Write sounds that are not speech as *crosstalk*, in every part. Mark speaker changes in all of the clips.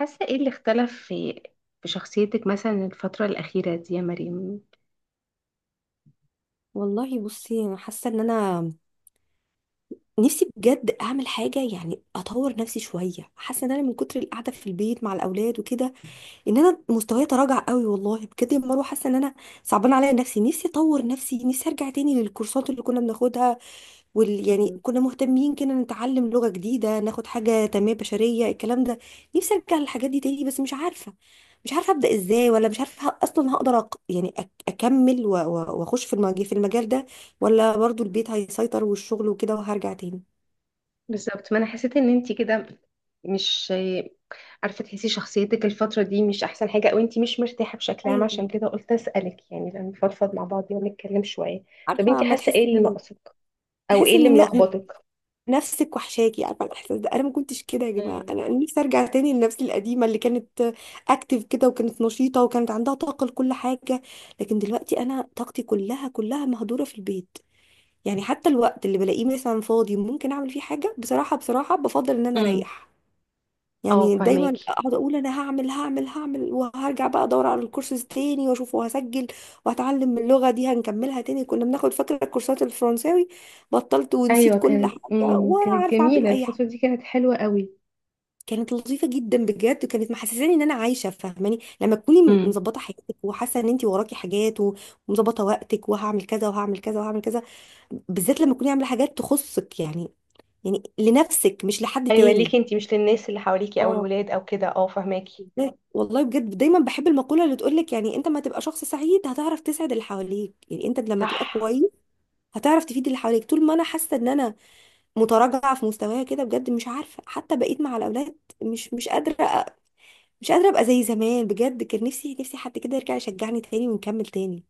Speaker 1: حاسة ايه اللي اختلف في شخصيتك مثلا الفترة الأخيرة دي يا مريم؟
Speaker 2: والله بصي، انا حاسه ان انا نفسي بجد اعمل حاجه، يعني اطور نفسي شويه. حاسه ان انا من كتر القعده في البيت مع الاولاد وكده ان انا مستواي تراجع قوي. والله بجد يا مروه، حاسه ان انا صعبان عليا. نفسي نفسي اطور نفسي، نفسي ارجع تاني للكورسات اللي كنا بناخدها، وال، يعني
Speaker 1: مم.
Speaker 2: كنا مهتمين كده نتعلم لغة جديدة، ناخد حاجة تنمية بشرية، الكلام ده. نفسي ارجع للحاجات دي تاني، بس مش عارفة ابدأ ازاي، ولا مش عارفة اصلا هقدر اكمل واخش في المجال ده، ولا برضو البيت هيسيطر والشغل وكده وهرجع تاني.
Speaker 1: بالظبط، ما انا حسيت ان انتي كده مش عارفة تحسي شخصيتك الفترة دي مش احسن حاجة، او انتي مش مرتاحة بشكل عام،
Speaker 2: ايوه.
Speaker 1: عشان كده قلت اسألك يعني لما نفضفض مع بعض ونتكلم شوية. طب
Speaker 2: عارفة،
Speaker 1: انتي
Speaker 2: ما
Speaker 1: حاسة
Speaker 2: تحس
Speaker 1: ايه اللي
Speaker 2: ان،
Speaker 1: ناقصك؟ او ايه
Speaker 2: تحس
Speaker 1: اللي
Speaker 2: ان
Speaker 1: ملخبطك؟
Speaker 2: نفسك وحشاكي، عارفه الاحساس ده. انا ما كنتش كده يا جماعه.
Speaker 1: مم.
Speaker 2: أنا نفسي ارجع تاني لنفسي القديمه اللي كانت اكتف كده، وكانت نشيطه، وكانت عندها طاقه لكل حاجه. لكن دلوقتي انا طاقتي كلها كلها مهدوره في البيت. يعني حتى الوقت اللي بلاقيه مثلا فاضي ممكن اعمل فيه حاجه، بصراحه بصراحه بفضل ان انا
Speaker 1: امم.
Speaker 2: اريح.
Speaker 1: اه،
Speaker 2: يعني دايما
Speaker 1: فهماكي.
Speaker 2: اقعد اقول انا هعمل وهرجع بقى ادور على الكورسز تاني واشوف وهسجل وهتعلم اللغه دي، هنكملها تاني. كنا بناخد، فاكره الكورسات الفرنساوي؟ بطلت ونسيت
Speaker 1: ايوه،
Speaker 2: كل
Speaker 1: كانت
Speaker 2: حاجه،
Speaker 1: امم
Speaker 2: ولا
Speaker 1: كانت
Speaker 2: عارفه اعمل
Speaker 1: جميلة
Speaker 2: اي حاجه.
Speaker 1: الفترة دي، كانت حلوة قوي.
Speaker 2: كانت لطيفه جدا بجد، كانت محسساني ان انا عايشه. فاهماني لما تكوني
Speaker 1: امم.
Speaker 2: مظبطه حياتك وحاسه ان انت وراكي حاجات، ومظبطه وقتك، وهعمل كذا وهعمل كذا وهعمل كذا، بالذات لما تكوني عامله حاجات تخصك يعني، يعني لنفسك مش لحد
Speaker 1: ايوه، ليكي
Speaker 2: تاني.
Speaker 1: انتي، مش للناس اللي حواليكي او
Speaker 2: اه.
Speaker 1: الولاد او كده. اه، فهماكي.
Speaker 2: لا والله بجد دايما بحب المقولة اللي تقولك، يعني انت ما تبقى شخص سعيد هتعرف تسعد اللي حواليك. يعني انت لما
Speaker 1: صح.
Speaker 2: تبقى كويس هتعرف تفيد اللي حواليك. طول ما انا حاسة ان انا متراجعة في مستوايا كده بجد، مش عارفة حتى بقيت مع الاولاد مش قادرة، أ- مش قادرة ابقى زي زمان. بجد كان نفسي، نفسي حد كده يرجع يشجعني تاني ونكمل تاني.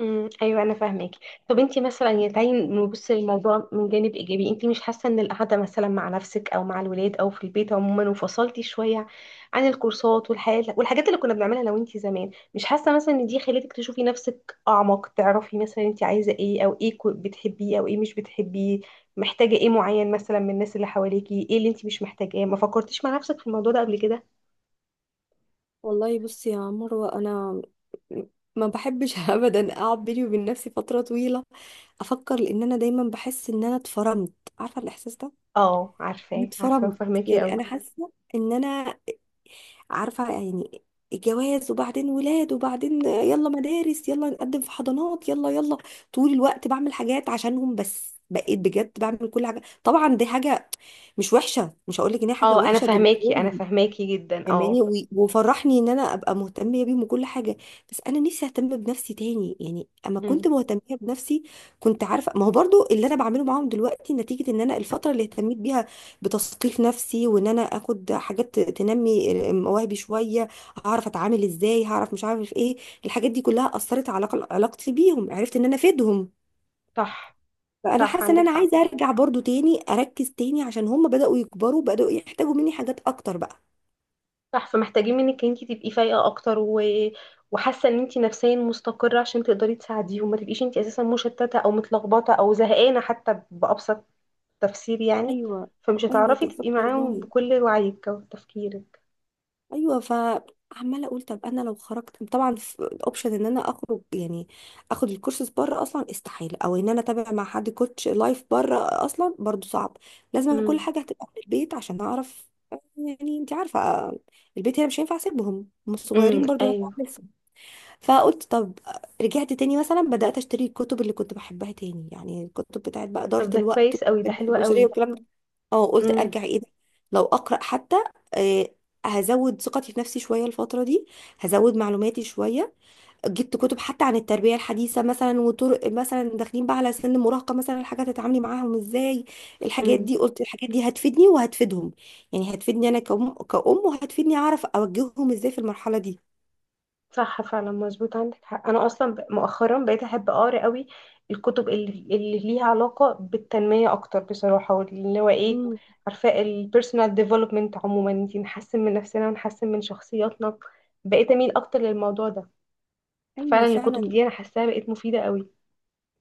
Speaker 1: امم، ايوه، انا فاهمك. طب انت مثلا يعني تعالي نبص للموضوع من جانب ايجابي. انت مش حاسه ان القعده مثلا مع نفسك او مع الولاد او في البيت عموما، وفصلتي شويه عن الكورسات والحياه والحاجات اللي كنا بنعملها، لو انت زمان، مش حاسه مثلا ان دي خلتك تشوفي نفسك اعمق؟ تعرفي مثلا انت عايزه ايه، او ايه بتحبيه او ايه مش بتحبيه؟ محتاجه ايه معين مثلا من الناس اللي حواليكي؟ ايه اللي انت مش محتاجاه؟ ما فكرتيش مع نفسك في الموضوع ده قبل كده؟
Speaker 2: والله بصي يا مروة، انا ما بحبش *laughs* ابدا اقعد بيني وبين نفسي فترة طويلة افكر، لان انا دايما بحس ان انا اتفرمت، عارفة الاحساس ده؟
Speaker 1: اه، عارفاه عارفاه
Speaker 2: اتفرمت.
Speaker 1: وفاهماكي
Speaker 2: يعني
Speaker 1: قوي.
Speaker 2: انا حاسه ان انا، عارفه يعني، الجواز، وبعدين ولاد، وبعدين يلا مدارس، يلا نقدم في حضانات، يلا يلا، طول الوقت بعمل حاجات عشانهم. بس بقيت بجد بعمل كل حاجه. طبعا دي حاجه مش وحشه، مش هقول لك ان هي حاجه
Speaker 1: اه، انا
Speaker 2: وحشه. دول
Speaker 1: فاهماكي، انا فاهماكي جدا، اه.
Speaker 2: فاهماني، وفرحني ان انا ابقى مهتمه بيهم وكل حاجه، بس انا نفسي اهتم بنفسي تاني. يعني اما
Speaker 1: مم.
Speaker 2: كنت مهتمه بنفسي، كنت عارفه، ما هو برضو اللي انا بعمله معاهم دلوقتي نتيجه ان انا الفتره اللي اهتميت بيها بتثقيف نفسي، وان انا اخد حاجات تنمي مواهبي شويه، هعرف اتعامل ازاي، هعرف مش عارف ايه، الحاجات دي كلها اثرت على علاقتي بيهم. عرفت ان انا افيدهم.
Speaker 1: صح.
Speaker 2: فانا
Speaker 1: صح،
Speaker 2: حاسه ان
Speaker 1: عندك
Speaker 2: انا
Speaker 1: حق.
Speaker 2: عايزه ارجع برضو تاني اركز تاني، عشان هم بداوا يكبروا، بداوا يحتاجوا مني حاجات اكتر بقى.
Speaker 1: صح، فمحتاجين منك ان انت تبقي فايقه اكتر وحاسه ان انت نفسيا مستقره، عشان تقدري تساعديهم، ما تبقيش انت اساسا مشتته او متلخبطه او زهقانه حتى بابسط تفسير يعني.
Speaker 2: ايوه.
Speaker 1: فمش
Speaker 2: ايوه
Speaker 1: هتعرفي تبقي
Speaker 2: بالظبط
Speaker 1: معاهم
Speaker 2: والله.
Speaker 1: بكل وعيك وتفكيرك.
Speaker 2: ايوه، فعماله اقول طب انا لو خرجت، طبعا الاوبشن ان انا اخرج يعني اخد الكورسز بره اصلا استحاله، او ان انا اتابع مع حد كوتش لايف بره اصلا برضو صعب. لازم كل
Speaker 1: امم.
Speaker 2: حاجه هتبقى من البيت، عشان اعرف، يعني انت عارفه، البيت هنا، مش هينفع اسيبهم، هم
Speaker 1: امم.
Speaker 2: صغيرين برضو يعتبر
Speaker 1: ايوه.
Speaker 2: لسه. فقلت طب، رجعت تاني مثلا بدات اشتري الكتب اللي كنت بحبها تاني، يعني الكتب بتاعت بقى اداره
Speaker 1: طب ده
Speaker 2: الوقت
Speaker 1: كويس قوي، ده
Speaker 2: والتنمية
Speaker 1: حلو
Speaker 2: البشريه
Speaker 1: قوي.
Speaker 2: والكلام ده. اه، قلت ارجع. ايه ده، لو اقرا حتى آه هزود ثقتي في نفسي شويه الفتره دي، هزود معلوماتي شويه. جبت كتب حتى عن التربيه الحديثه مثلا، وطرق مثلا داخلين بقى على سن المراهقه، مثلا الحاجات تتعاملي معاهم ازاي. الحاجات
Speaker 1: امم.
Speaker 2: دي، قلت الحاجات دي هتفيدني وهتفيدهم، يعني هتفيدني انا كأم كأم، وهتفيدني اعرف اوجههم ازاي في المرحله دي.
Speaker 1: صح، فعلا مظبوط، عندك حق. انا اصلا مؤخرا بقيت احب اقرا قوي الكتب اللي ليها علاقه بالتنميه اكتر بصراحه، واللي هو ايه،
Speaker 2: امم.
Speaker 1: عارفه، البيرسونال ديفلوبمنت عموما، انتي نحسن من نفسنا ونحسن من شخصياتنا. بقيت اميل اكتر للموضوع ده.
Speaker 2: ايوه
Speaker 1: فعلا الكتب
Speaker 2: فعلا.
Speaker 1: دي انا حاساها بقت مفيده قوي.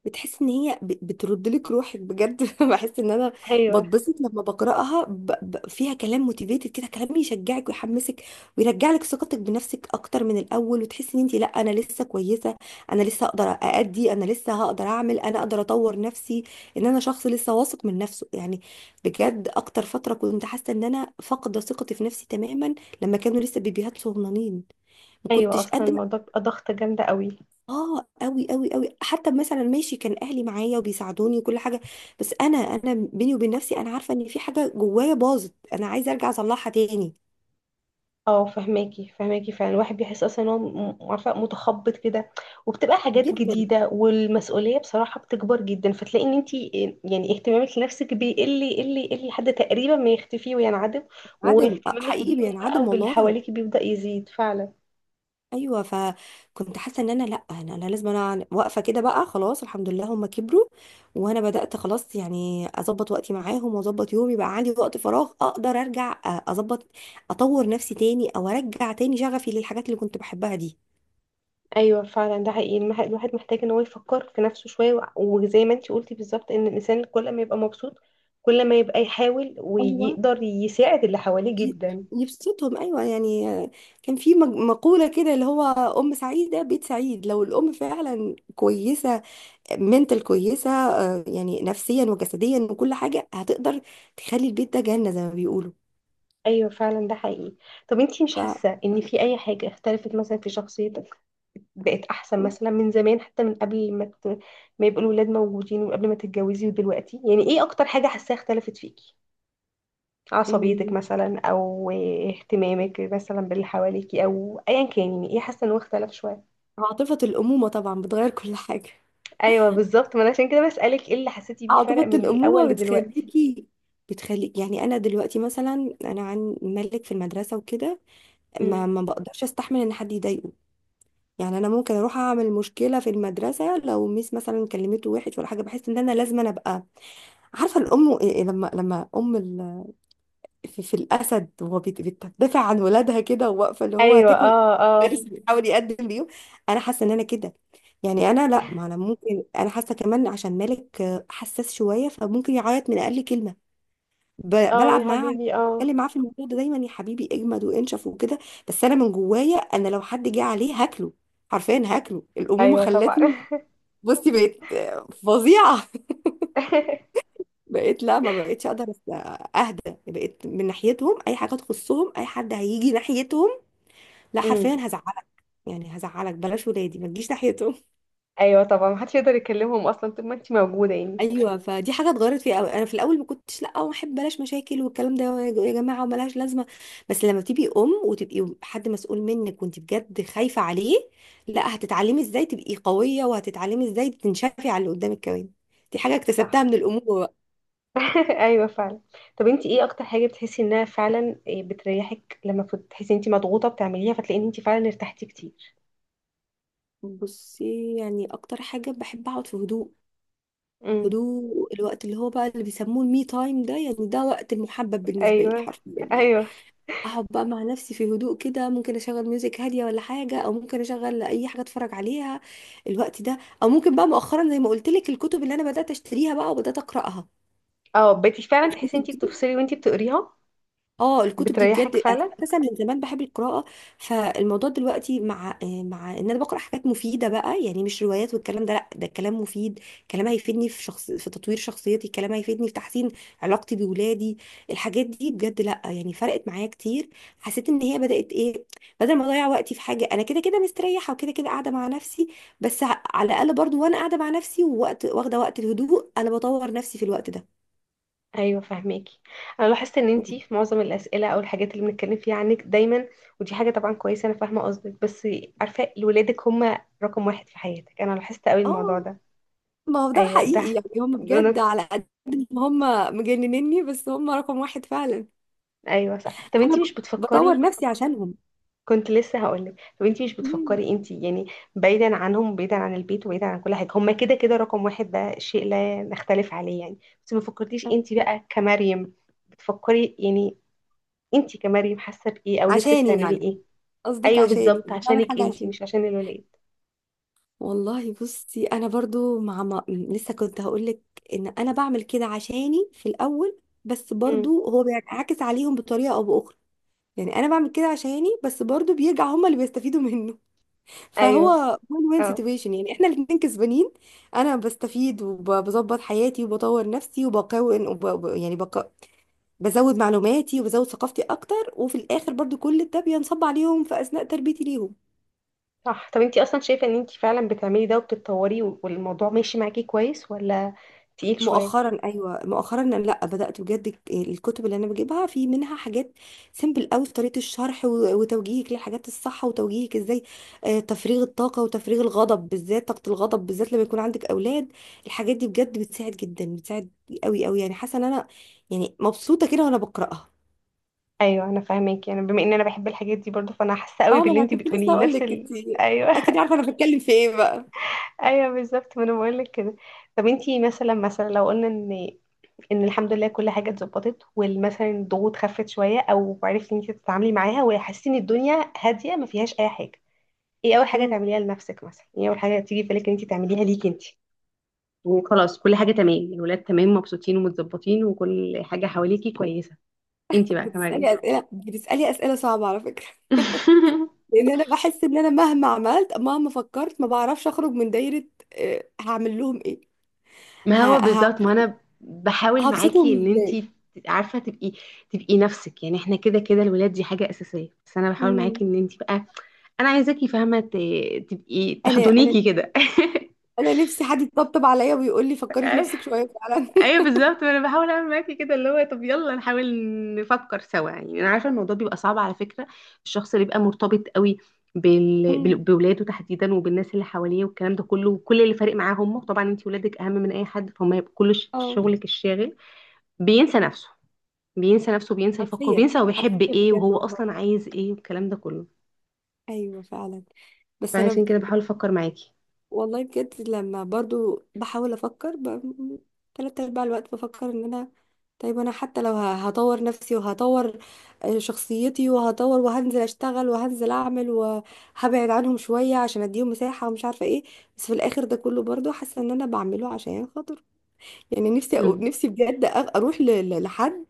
Speaker 2: بتحس ان هي بترد لك روحك بجد. *laughs* بحس ان انا
Speaker 1: ايوه.
Speaker 2: بتبسط لما بقراها، فيها كلام موتيفيتد كده، كلام يشجعك ويحمسك ويرجع لك ثقتك بنفسك اكتر من الاول، وتحس ان انت، لا انا لسه كويسه، انا لسه اقدر اادي، انا لسه هقدر اعمل، انا اقدر اطور نفسي، ان انا شخص لسه واثق من نفسه يعني. بجد اكتر فتره كنت حاسه ان انا فاقده ثقتي في نفسي تماما لما كانوا لسه بيبيهات صغننين، ما
Speaker 1: ايوه،
Speaker 2: كنتش
Speaker 1: اصلا
Speaker 2: قادره.
Speaker 1: الموضوع بيبقى ضغطه جامده قوي.
Speaker 2: اه قوي قوي قوي. حتى مثلا ماشي، كان اهلي معايا وبيساعدوني وكل حاجه، بس انا بيني وبين نفسي انا عارفه ان في حاجه جوايا باظت، انا عايزه ارجع اصلحها تاني.
Speaker 1: اه، فهماكي فهماكي، فعلا الواحد بيحس اصلا ان هو عارفه، متخبط كده. وبتبقى حاجات
Speaker 2: جدا.
Speaker 1: جديده والمسؤوليه بصراحه بتكبر جدا، فتلاقي ان انت يعني اهتمامك لنفسك بيقل يقل يقل لحد تقريبا ما يختفي وينعدم.
Speaker 2: عدم،
Speaker 1: واهتمامك
Speaker 2: حقيقي
Speaker 1: بيهم بقى
Speaker 2: بينعدم
Speaker 1: وباللي
Speaker 2: والله.
Speaker 1: حواليكي بيبدا يزيد فعلا.
Speaker 2: ايوه، فكنت حاسه ان انا، لا انا، انا لازم انا واقفه كده بقى خلاص، الحمد لله هم كبروا، وانا بدات خلاص يعني اظبط وقتي معاهم، واظبط يومي، بقى عندي وقت فراغ اقدر ارجع اظبط، اطور نفسي تاني، او ارجع تاني شغفي للحاجات اللي كنت بحبها.
Speaker 1: ايوه فعلا، ده حقيقي. الواحد محتاج ان هو يفكر في نفسه شويه، وزي ما انت قلتي بالظبط، ان الانسان كل ما يبقى مبسوط، كل ما يبقى يحاول
Speaker 2: دي
Speaker 1: ويقدر يساعد اللي حواليه
Speaker 2: ي-
Speaker 1: جدا.
Speaker 2: يبسطهم، ايوه يعني. كان في مقوله كده اللي هو، ام سعيده بيت سعيد. لو الام فعلا كويسه، منتل كويسه، يعني نفسيا وجسديا وكل حاجه، هتقدر تخلي البيت ده جنه زي ما بيقولوا.
Speaker 1: ايوه فعلا، ده حقيقي. طب انتي مش
Speaker 2: ف
Speaker 1: حاسه ان في اي حاجه اختلفت مثلا في شخصيتك، بقت احسن مثلا من زمان، حتى من قبل ما ما يبقوا الولاد موجودين وقبل ما تتجوزي ودلوقتي؟ يعني ايه اكتر حاجه حاساها اختلفت فيكي؟ عصبيتك
Speaker 2: م-
Speaker 1: مثلا، او اهتمامك مثلا باللي حواليكي، او ايا كان. يعني ايه حاسه ان هو اختلف شويه؟
Speaker 2: عاطفه الامومه طبعا بتغير *laughs* كل حاجه.
Speaker 1: ايوه بالظبط، ما انا عشان كده بسالك ايه اللي حسيتي بيه فرق
Speaker 2: عاطفه
Speaker 1: من الاول
Speaker 2: الامومه
Speaker 1: لدلوقتي.
Speaker 2: بتخليكي، بتخليك، يعني انا دلوقتي مثلا، انا عن ملك في المدرسه وكده ما
Speaker 1: مم.
Speaker 2: ما بقدرش استحمل ان حد يضايقه. يعني انا ممكن اروح اعمل مشكله في المدرسه لو ميس مثلا كلمته وحش ولا حاجه، بحس ان انا لازم ابقى، عارفه الام إيه إيه، لما ام في الاسد، وهو بتدافع عن ولادها كده، وواقفه اللي هو
Speaker 1: ايوه.
Speaker 2: هتاكل
Speaker 1: اه.
Speaker 2: *laughs* بارس،
Speaker 1: اه.
Speaker 2: بيحاول يقدم ليهم. انا حاسه ان انا كده. يعني انا لا، ما انا ممكن انا حاسه كمان عشان مالك حساس شويه، فممكن يعيط من اقل كلمه.
Speaker 1: اه،
Speaker 2: بلعب
Speaker 1: يا
Speaker 2: معاه،
Speaker 1: حبيبي، اه.
Speaker 2: بتكلم معاه في الموضوع ده دايما، يا حبيبي اجمد وانشف وكده. بس انا من جوايا انا لو حد جه عليه هاكله، حرفيا هاكله. الامومه
Speaker 1: ايوه طبعا.
Speaker 2: خلتني، بصي بقيت فظيعه. *laughs*
Speaker 1: *laughs*
Speaker 2: بقيت لا، ما بقيتش اقدر اهدى. بقيت من ناحيتهم اي حاجه تخصهم، اي حد هيجي ناحيتهم، لا
Speaker 1: مم.
Speaker 2: حرفيا هزعلك، يعني هزعلك، بلاش ولادي ما تجيش ناحيتهم.
Speaker 1: ايوه طبعا، محدش يقدر يكلمهم اصلا طول ما انت موجوده يعني.
Speaker 2: ايوه فدي حاجه اتغيرت فيها قوي، انا في الاول ما كنتش، لا ما احب، بلاش مشاكل والكلام ده يا جماعه، وملهاش لازمه. بس لما تبقي ام وتبقي حد مسؤول منك وانت بجد خايفه عليه، لا هتتعلمي ازاي تبقي قويه، وهتتعلمي ازاي تنشفي على اللي قدامك كمان. دي حاجه اكتسبتها
Speaker 1: صح.
Speaker 2: من الامومه بقى.
Speaker 1: *laughs* ايوه فعلا. طب انت ايه اكتر حاجه بتحسي انها فعلا إيه بتريحك لما بتحسي انت مضغوطه بتعمليها، فتلاقي ان انت فعلا ارتحتي كتير؟
Speaker 2: بصي يعني اكتر حاجه بحب اقعد في هدوء،
Speaker 1: امم.
Speaker 2: هدوء. الوقت اللي هو بقى اللي بيسموه المي تايم ده، يعني ده وقت المحبب بالنسبه لي
Speaker 1: ايوه.
Speaker 2: حرفيا يعني،
Speaker 1: ايوه.
Speaker 2: اقعد بقى مع نفسي في هدوء كده، ممكن اشغل ميوزك هاديه ولا حاجه، او ممكن اشغل اي حاجه اتفرج عليها الوقت ده، او ممكن بقى مؤخرا زي ما قلت لك الكتب اللي انا بدات اشتريها بقى وبدات اقراها.
Speaker 1: اه، بقيتي فعلا تحسي انت بتفصلي وانت بتقريها.
Speaker 2: اه الكتب دي
Speaker 1: بتريحك
Speaker 2: بجد، أنا
Speaker 1: فعلا.
Speaker 2: اساسا من زمان بحب القراءه. فالموضوع دلوقتي مع مع ان انا بقرا حاجات مفيده بقى، يعني مش روايات والكلام ده، لا ده كلام مفيد، كلام هيفيدني في شخص في تطوير شخصيتي، كلام هيفيدني في تحسين علاقتي بولادي. الحاجات دي بجد، لا يعني فرقت معايا كتير. حسيت ان هي بدات ايه، بدل ما اضيع وقتي في حاجه انا كده كده مستريحه، وكده كده قاعده مع نفسي، بس ع- على الاقل برضو وانا قاعده مع نفسي ووقت واخده وقت الهدوء، انا بطور نفسي في الوقت ده.
Speaker 1: ايوه فاهماكي. انا لاحظت ان انت في معظم الاسئله او الحاجات اللي بنتكلم فيها عنك دايما، ودي حاجه طبعا كويسه، انا فاهمه قصدك، بس عارفه ولادك هم رقم واحد في حياتك. انا لاحظت قوي الموضوع
Speaker 2: اه،
Speaker 1: ده.
Speaker 2: ما هو ده
Speaker 1: ايوه،
Speaker 2: حقيقي،
Speaker 1: ده.
Speaker 2: يعني هم
Speaker 1: انا.
Speaker 2: بجد على قد ما هم مجننني، بس هم رقم واحد فعلا.
Speaker 1: ايوه، صح. طب
Speaker 2: انا
Speaker 1: انتي مش
Speaker 2: بطور
Speaker 1: بتفكري؟
Speaker 2: نفسي عشانهم.
Speaker 1: كنت لسه هقولك طب انتي مش
Speaker 2: مم.
Speaker 1: بتفكري؟ انتي يعني بعيدا عنهم، بعيدا عن البيت، وبعيدا عن كل حاجه، هما كده كده رقم واحد، ده شيء لا نختلف عليه يعني. بس ما فكرتيش انتي بقى كمريم بتفكري؟ يعني انتي كمريم حاسه بايه، او نفسك
Speaker 2: عشاني
Speaker 1: تعملي
Speaker 2: يعني؟
Speaker 1: ايه؟
Speaker 2: قصدك
Speaker 1: ايوه
Speaker 2: عشاني
Speaker 1: بالظبط،
Speaker 2: بعمل
Speaker 1: عشانك
Speaker 2: حاجة
Speaker 1: انتي،
Speaker 2: عشاني.
Speaker 1: مش عشان الولاد.
Speaker 2: والله بصي، انا برضو مع ما... لسه كنت هقولك ان انا بعمل كده عشاني في الاول، بس
Speaker 1: امم.
Speaker 2: برضو هو بينعكس عليهم بطريقة او باخرى. يعني انا بعمل كده عشاني، بس برضو بيرجع هم اللي بيستفيدوا منه،
Speaker 1: ايوه.
Speaker 2: فهو وين وين
Speaker 1: اه،
Speaker 2: سيتويشن، يعني احنا الاتنين كسبانين. انا بستفيد وبظبط حياتي وبطور نفسي وبكون يعني بزود معلوماتي وبزود ثقافتي اكتر، وفي الاخر برضو كل ده بينصب عليهم في اثناء تربيتي ليهم.
Speaker 1: صح. طب انتي اصلا شايفه ان انتي فعلا بتعملي ده وبتتطوري والموضوع ماشي معاكي كويس، ولا تقيل شويه؟
Speaker 2: مؤخرا ايوه، مؤخرا لا بدات بجد، الكتب اللي انا بجيبها في منها حاجات سيمبل قوي في طريقه الشرح، وتوجيهك للحاجات الصح، وتوجيهك ازاي تفريغ الطاقه وتفريغ الغضب، بالذات طاقه الغضب بالذات لما يكون عندك اولاد. الحاجات دي بجد بتساعد جدا، بتساعد قوي قوي، يعني حاسه ان انا، يعني مبسوطه كده وانا بقراها.
Speaker 1: ايوه انا فاهماكي، انا بما ان انا بحب الحاجات دي برضو فانا حاسه قوي
Speaker 2: اه ما
Speaker 1: باللي
Speaker 2: انا
Speaker 1: انتي
Speaker 2: كنت لسه
Speaker 1: بتقوليه،
Speaker 2: هقول
Speaker 1: نفس
Speaker 2: لك، انت
Speaker 1: ال... ايوه.
Speaker 2: اكيد عارفه انا بتكلم في ايه بقى.
Speaker 1: *laughs* ايوه بالظبط، ما انا بقول لك كده. طب انتي مثلا لو قلنا ان الحمد لله كل حاجه اتظبطت، ومثلا الضغوط خفت شويه، او عرفتي ان انتي تتعاملي معاها، وحسيتي ان الدنيا هاديه ما فيهاش اي حاجه، ايه اول حاجه
Speaker 2: مم.
Speaker 1: تعمليها لنفسك مثلا؟ ايه اول حاجه تيجي في بالك ان انتي تعمليها ليكي انتي؟ وخلاص كل حاجة تمام، الولاد تمام مبسوطين ومتظبطين وكل حاجة حواليكي كويسة، انتي بقى كمان؟
Speaker 2: بتسالي اسئله، بتسالي اسئله صعبه على فكره،
Speaker 1: ايه؟ *laughs*
Speaker 2: لان انا بحس ان انا مهما عملت، مهما فكرت، ما بعرفش اخرج من دايره هعمل لهم ايه،
Speaker 1: ما
Speaker 2: ه...
Speaker 1: هو
Speaker 2: ه...
Speaker 1: بالظبط، ما انا بحاول
Speaker 2: هبسطهم
Speaker 1: معاكي ان
Speaker 2: ازاي.
Speaker 1: انتي عارفه تبقي نفسك يعني. احنا كده كده الولاد دي حاجه اساسيه، بس انا بحاول
Speaker 2: مم.
Speaker 1: معاكي ان انتي بقى، انا عايزاكي فاهمه، تبقي
Speaker 2: انا، انا
Speaker 1: تحضنيكي كده. *laughs*
Speaker 2: انا نفسي حد يطبطب عليا ويقول لي فكري في نفسك شويه فعلا.
Speaker 1: ايوه بالظبط، ما انا بحاول اعمل معاكي كده اللي هو، طب يلا نحاول نفكر سوا يعني. انا عارفه الموضوع بيبقى صعب على فكره. الشخص اللي بيبقى مرتبط قوي
Speaker 2: *laughs* مم.
Speaker 1: بولاده تحديدا، وبالناس اللي حواليه والكلام ده كله، وكل اللي فارق معاه هم طبعا. انتي ولادك اهم من اي حد، فهم هيبقوا كل
Speaker 2: اه.
Speaker 1: شغلك الشاغل. بينسى نفسه. بينسى نفسه، بينسى يفكر،
Speaker 2: حرفيا،
Speaker 1: بينسى هو بيحب
Speaker 2: حرفيا
Speaker 1: ايه
Speaker 2: بجد
Speaker 1: وهو
Speaker 2: والله.
Speaker 1: اصلا عايز ايه والكلام ده كله.
Speaker 2: ايوه فعلا. بس
Speaker 1: فعشان
Speaker 2: انا،
Speaker 1: كده بحاول افكر معاكي.
Speaker 2: والله بجد لما برضو بحاول افكر، تلات ارباع الوقت بفكر ان انا، طيب انا حتى لو هطور نفسي وهطور شخصيتي وهطور، وهنزل اشتغل وهنزل اعمل وهبعد عنهم شوية عشان اديهم مساحة ومش عارفة ايه، بس في الاخر ده كله برضو حاسة ان انا بعمله عشان خاطر، يعني نفسي
Speaker 1: امم.
Speaker 2: نفسي بجد اروح لحد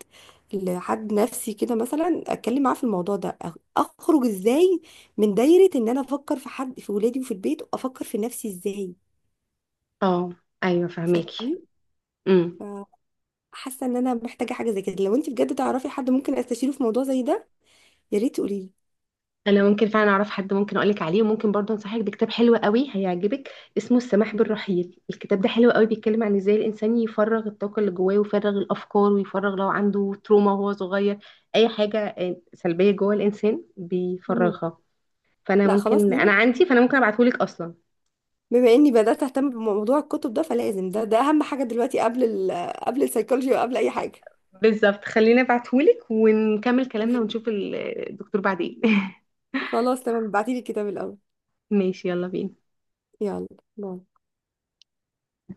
Speaker 2: لحد نفسي كده مثلا اتكلم معاه في الموضوع ده، اخرج ازاي من دايرة ان انا افكر في حد في ولادي وفي البيت، وافكر في نفسي ازاي.
Speaker 1: اه. ايوه
Speaker 2: صدقني،
Speaker 1: فهماكي. امم.
Speaker 2: فحاسه ان انا محتاجه حاجه زي كده. لو انت بجد تعرفي حد ممكن استشيره في موضوع زي ده يا ريت تقولي لي.
Speaker 1: انا ممكن فعلا اعرف حد ممكن اقولك عليه، وممكن برضه انصحك بكتاب حلو قوي هيعجبك، اسمه السماح بالرحيل. الكتاب ده حلو قوي، بيتكلم عن ازاي الانسان يفرغ الطاقه اللي جواه ويفرغ الافكار، ويفرغ لو عنده تروما وهو صغير، اي حاجه سلبيه جوه الانسان
Speaker 2: مم.
Speaker 1: بيفرغها. فانا
Speaker 2: لا خلاص
Speaker 1: ممكن، انا
Speaker 2: تمام.
Speaker 1: عندي، فانا ممكن ابعتهولك اصلا.
Speaker 2: بما اني بدات اهتم بموضوع الكتب ده فلازم ده، ده اهم حاجه دلوقتي قبل ال، قبل السيكولوجي وقبل اي حاجه.
Speaker 1: بالظبط، خليني ابعتهولك ونكمل كلامنا ونشوف الدكتور بعدين. *laughs*
Speaker 2: خلاص تمام، ابعتي لي الكتاب الاول.
Speaker 1: ماشي، يلا بينا.
Speaker 2: يلا. باي.